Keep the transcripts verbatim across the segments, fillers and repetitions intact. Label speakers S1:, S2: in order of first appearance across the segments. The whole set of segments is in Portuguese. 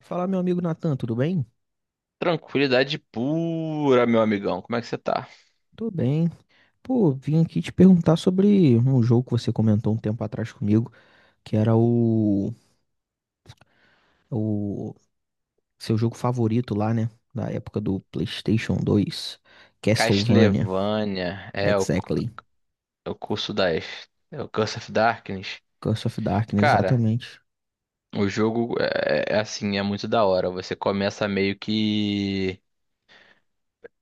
S1: Fala, meu amigo Natan, tudo bem?
S2: Tranquilidade pura, meu amigão. Como é que você tá?
S1: Tô bem. Pô, vim aqui te perguntar sobre um jogo que você comentou um tempo atrás comigo, que era o, o seu jogo favorito lá, né? Da época do PlayStation dois, Castlevania,
S2: Castlevania é o, cu-
S1: exactly.
S2: é o curso das. É o Curse of Darkness.
S1: Curse of Darkness,
S2: Cara,
S1: exatamente.
S2: o jogo é, é assim, é muito da hora. Você começa meio que.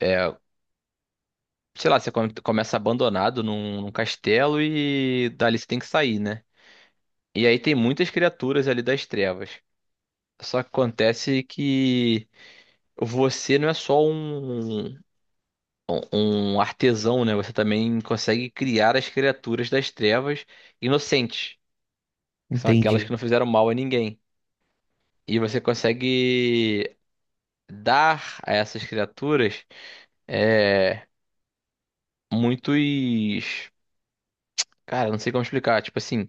S2: É, sei lá, você come- começa abandonado num, num castelo e dali você tem que sair, né? E aí tem muitas criaturas ali das trevas. Só que acontece que você não é só um. um um artesão, né? Você também consegue criar as criaturas das trevas inocentes, que são aquelas
S1: Entendi.
S2: que não fizeram mal a ninguém. E você consegue dar a essas criaturas é, muitos. Cara, não sei como explicar. Tipo assim,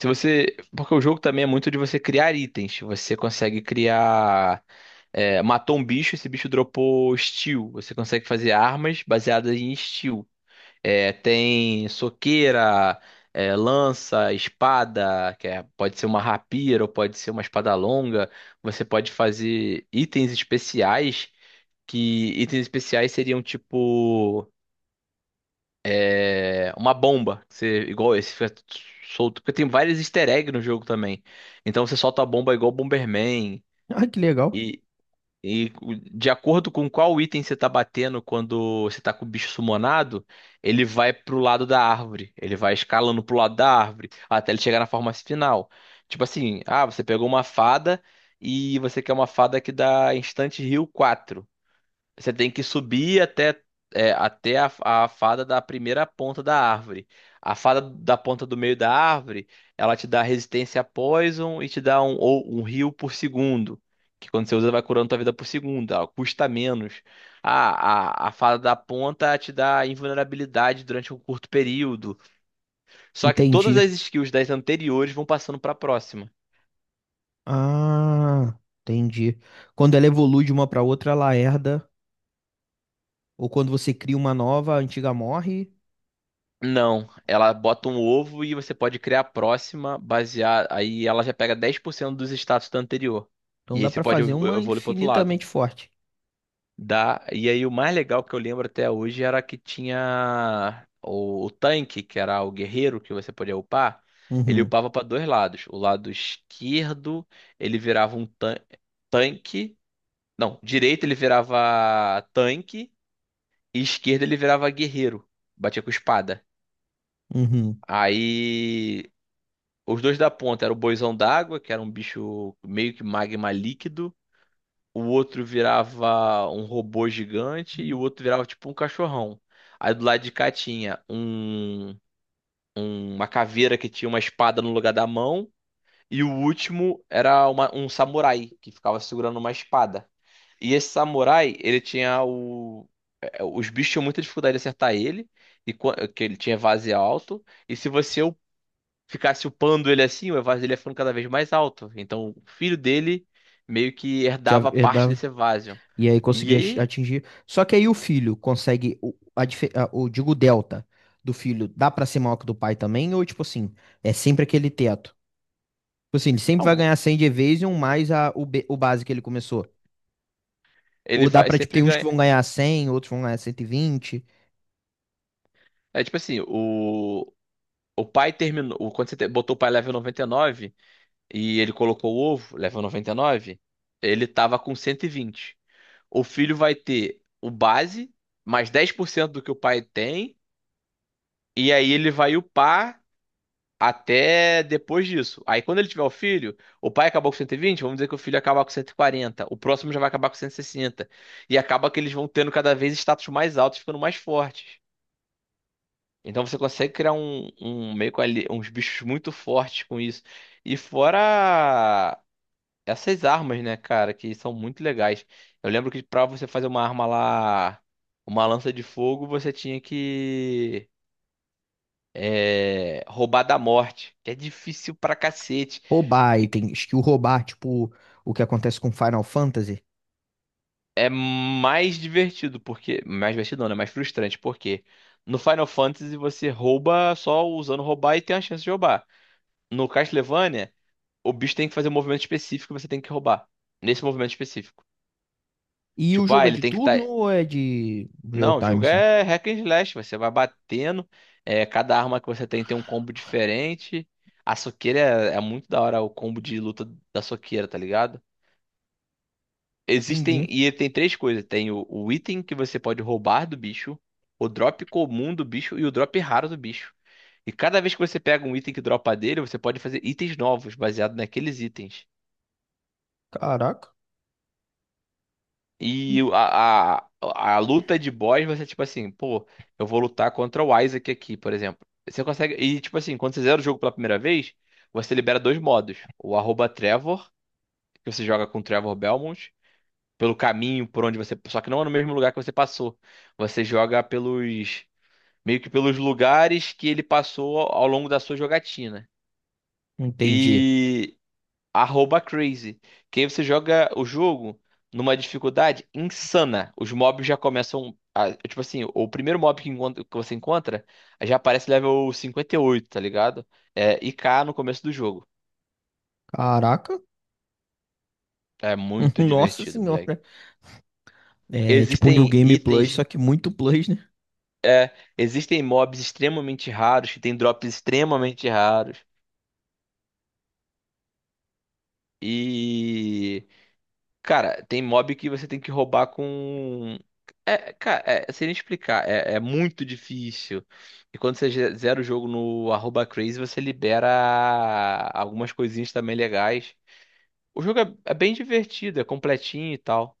S2: se você. Porque o jogo também é muito de você criar itens. Você consegue criar. é, matou um bicho, esse bicho dropou steel. Você consegue fazer armas baseadas em steel. É, tem soqueira, é, lança, espada, que é- pode ser uma rapira ou pode ser uma espada longa. Você pode fazer itens especiais, que itens especiais seriam tipo é, uma bomba. Que você, igual esse fica solto, porque tem vários easter eggs no jogo também. Então você solta a bomba igual Bomberman.
S1: Ah, que legal.
S2: E de acordo com qual item você tá batendo quando você tá com o bicho sumonado, ele vai pro lado da árvore. Ele vai escalando pro lado da árvore até ele chegar na forma final. Tipo assim, ah, você pegou uma fada e você quer uma fada que dá instante heal quatro. Você tem que subir até, é, até a, a fada da primeira ponta da árvore. A fada da ponta do meio da árvore, ela te dá resistência a poison e te dá um, ou um heal por segundo. Que quando você usa, vai curando tua vida por segundo. Ela custa menos. A, a, a fada da ponta te dá invulnerabilidade durante um curto período. Só que todas
S1: Entendi.
S2: as skills das anteriores vão passando para a próxima.
S1: Ah, entendi. Quando ela evolui de uma pra outra, ela herda, ou quando você cria uma nova, a antiga morre.
S2: Não, ela bota um ovo e você pode criar a próxima, basear. Aí ela já pega dez por cento dos status da anterior.
S1: Então
S2: E aí
S1: dá
S2: você
S1: pra
S2: pode
S1: fazer
S2: evo-
S1: uma
S2: evoluir pro outro lado.
S1: infinitamente forte.
S2: Dá. E aí o mais legal que eu lembro até hoje era que tinha o, o tanque, que era o guerreiro que você podia upar. Ele
S1: Uhum,
S2: upava para dois lados. O lado esquerdo ele virava um tan- tanque. Não, direito ele virava tanque e esquerdo ele virava guerreiro. Batia com espada.
S1: uhum.
S2: Aí os dois da ponta era o boizão d'água, que era um bicho meio que magma líquido. O outro virava um robô gigante e o outro virava tipo um cachorrão. Aí do lado de cá tinha um, um- uma caveira que tinha uma espada no lugar da mão. E o último era uma- um samurai que ficava segurando uma espada. E esse samurai, ele tinha o. eh, Os bichos tinham muita dificuldade de acertar ele, e quan- que ele tinha vase alto. E se você ficasse upando ele assim, o Evasor dele ia ficando cada vez mais alto. Então, o filho dele meio que
S1: Já
S2: herdava parte
S1: herdava.
S2: desse Evasion.
S1: E aí
S2: E
S1: conseguia ach-
S2: aí,
S1: atingir. Só que aí o filho consegue. O, a, dife- a- o, digo, o delta do filho dá pra ser maior que o do pai também? Ou, tipo assim, é sempre aquele teto? Tipo assim, ele sempre vai
S2: não,
S1: ganhar cem de Evasion mais a, o, be- o base que ele começou. Ou
S2: ele
S1: dá
S2: vai
S1: pra, tipo, tem
S2: sempre
S1: uns que
S2: ganhar.
S1: vão ganhar cem, outros vão ganhar cento e vinte.
S2: É tipo assim, o, o pai terminou. o- Quando você te- botou o pai level noventa e nove e ele colocou o ovo, level noventa e nove ele tava com cento e vinte. O filho vai ter o base, mais dez por cento do que o pai tem. E aí ele vai upar até depois disso. Aí quando ele tiver o filho, o pai acabou com cento e vinte, vamos dizer que o filho acaba com cento e quarenta, o próximo já vai acabar com cento e sessenta. E sessenta. E acaba que eles vão tendo cada vez status mais altos, ficando mais fortes. Então você consegue criar um, um, meio com ali, uns bichos muito fortes com isso. E fora essas armas, né, cara, que são muito legais. Eu lembro que pra você fazer uma arma lá, uma lança de fogo, você tinha que é, roubar da morte, que é difícil pra cacete.
S1: Roubar, e
S2: E que-
S1: tem skill roubar, tipo, o que acontece com Final Fantasy.
S2: É mais divertido, porque. Mais divertido não, né? Mais frustrante, porque no Final Fantasy você rouba só usando roubar e tem a chance de roubar. No Castlevania, o bicho tem que fazer um movimento específico e você tem que roubar. Nesse movimento específico.
S1: E o
S2: Tipo, ah,
S1: jogo é
S2: ele
S1: de
S2: tem que
S1: turno
S2: estar.
S1: ou é de real
S2: Não, o
S1: time,
S2: jogo
S1: assim?
S2: é hack and slash, você vai batendo. É, cada arma que você tem tem um combo diferente. A soqueira é, é muito da hora o combo de luta da soqueira, tá ligado? Existem,
S1: Entendi.
S2: e tem três coisas: tem o, o item que você pode roubar do bicho, o drop comum do bicho e o drop raro do bicho. E cada vez que você pega um item que dropa dele, você pode fazer itens novos, baseado naqueles itens.
S1: Caraca.
S2: E o- a, a, a luta de boss, você, tipo assim, pô, eu vou lutar contra o Isaac aqui, por exemplo. Você consegue. E, tipo assim, quando você zera o jogo pela primeira vez, você libera dois modos: o arroba Trevor, que você joga com o Trevor Belmont. Pelo caminho por onde você. Só que não é no mesmo lugar que você passou. Você joga pelos. Meio que pelos lugares que ele passou ao ao longo da sua jogatina.
S1: Entendi.
S2: E. Arroba Crazy. Que aí você joga o jogo numa dificuldade insana. Os mobs já começam. A- tipo assim, o primeiro mob que, encontra- que você encontra já aparece level cinquenta e oito, tá ligado? É, I k no começo do jogo.
S1: Caraca.
S2: É muito
S1: Nossa
S2: divertido, moleque.
S1: senhora. É tipo New
S2: Existem
S1: Game Plus,
S2: itens.
S1: só que muito Plus, né?
S2: Existem mobs extremamente raros, que tem drops extremamente raros. E, cara, tem mob que você tem que roubar com. É, cara, é, sem explicar, é, é muito difícil. E quando você ze- zera o jogo no arroba crazy, você libera algumas coisinhas também legais. O jogo é, é bem divertido, é completinho e tal.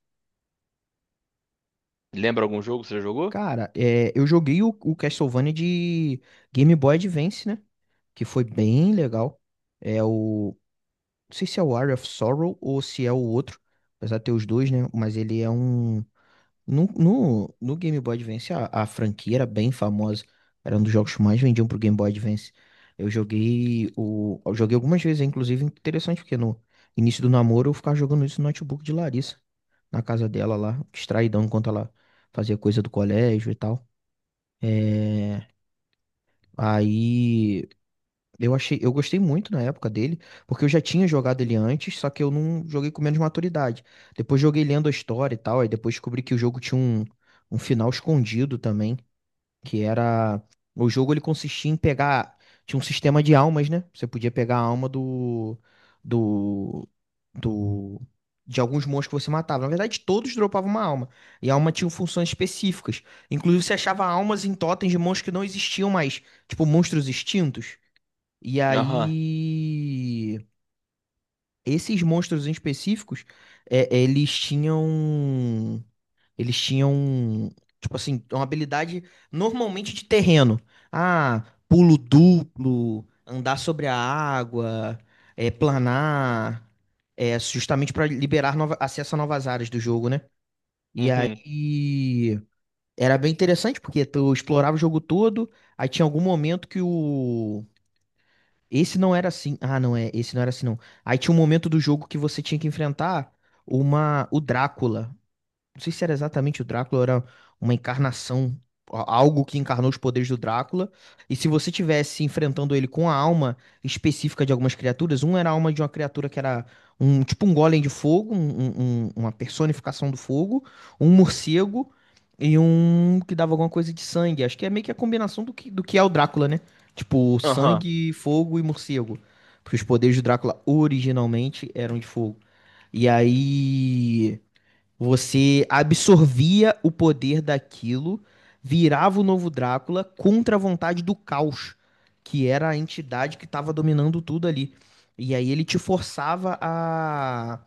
S2: Lembra algum jogo que você já jogou?
S1: Cara, é, eu joguei o, o Castlevania de Game Boy Advance, né? Que foi bem legal. É o. Não sei se é o Area of Sorrow ou se é o outro. Apesar de ter os dois, né? Mas ele é um. No, no, no Game Boy Advance, a, a franquia era bem famosa. Era um dos jogos que mais vendiam pro Game Boy Advance. Eu joguei o. Eu joguei algumas vezes, é, inclusive, interessante, porque no início do namoro eu ficava jogando isso no notebook de Larissa, na casa dela lá, distraidão enquanto ela fazia coisa do colégio e tal. É, aí eu achei, eu gostei muito na época dele, porque eu já tinha jogado ele antes, só que eu não joguei com menos maturidade. Depois joguei lendo a história e tal, aí depois descobri que o jogo tinha um, um final escondido também, que era o jogo. Ele consistia em pegar. Tinha um sistema de almas, né? Você podia pegar a alma do do do de alguns monstros que você matava. Na verdade, todos dropavam uma alma. E a alma tinha funções específicas. Inclusive, você achava almas em totens de monstros que não existiam mais, tipo monstros extintos. E
S2: Aham,
S1: aí esses monstros em específicos, é, eles tinham eles tinham, tipo assim, uma habilidade normalmente de terreno. Ah, pulo duplo, andar sobre a água, é, planar, é, justamente para liberar nova- acesso a novas áreas do jogo, né? E
S2: uhum,
S1: aí era bem interessante porque tu explorava o jogo todo, aí tinha algum momento que o esse não era assim. Ah, não é, esse não era assim não. Aí tinha um momento do jogo que você tinha que enfrentar uma o Drácula. Não sei se era exatamente o Drácula, ou era uma encarnação, a- algo que encarnou os poderes do Drácula. E se você tivesse enfrentando ele com a alma específica de algumas criaturas, um era a alma de uma criatura que era um tipo um golem de fogo, um- um- um- uma personificação do fogo, um morcego, e um que dava alguma coisa de sangue. Acho que é meio que a combinação do que, do que é o Drácula, né? Tipo,
S2: aham,
S1: sangue, fogo e morcego. Porque os poderes do Drácula originalmente eram de fogo. E aí você absorvia o poder daquilo, virava o novo Drácula contra a vontade do caos, que era a entidade que estava dominando tudo ali. E aí ele te forçava a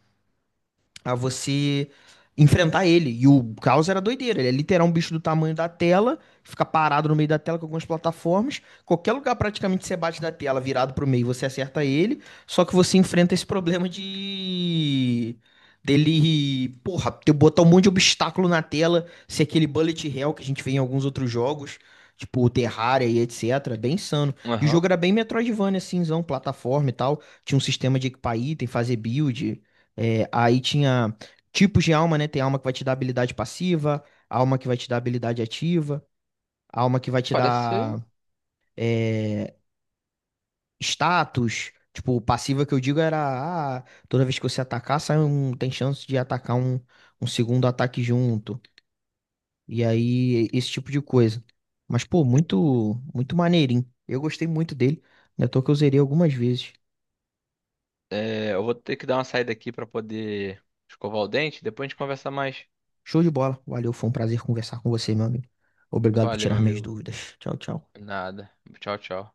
S1: a você enfrentar ele. E o caos era doideira. Ele é literal um bicho do tamanho da tela, fica parado no meio da tela com algumas plataformas. Qualquer lugar praticamente você bate da tela, virado pro meio, você acerta ele. Só que você enfrenta esse problema de. Dele, porra, ter botar um monte de obstáculo na tela, ser aquele bullet hell que a gente vê em alguns outros jogos, tipo o Terraria e etcétera. Bem insano. E o
S2: aham.
S1: jogo era bem Metroidvania, cinzão, plataforma e tal. Tinha um sistema de equipar item, fazer build. É, aí tinha tipos de alma, né? Tem alma que vai te dar habilidade passiva, alma que vai te dar habilidade ativa, alma que vai te
S2: Parece.
S1: dar é, status. Tipo, passiva que eu digo era, ah, toda vez que você atacar, sai um, tem chance de atacar um, um segundo ataque junto. E aí, esse tipo de coisa. Mas, pô, muito, muito maneirinho. Eu gostei muito dele. Ainda tô que eu zerei algumas vezes.
S2: É, eu vou ter que dar uma saída aqui pra poder escovar o dente. Depois a gente conversa mais.
S1: Show de bola. Valeu, foi um prazer conversar com você, meu amigo. Obrigado por
S2: Valeu, meu
S1: tirar minhas
S2: amigo.
S1: dúvidas. Tchau, tchau.
S2: Nada. Tchau, tchau.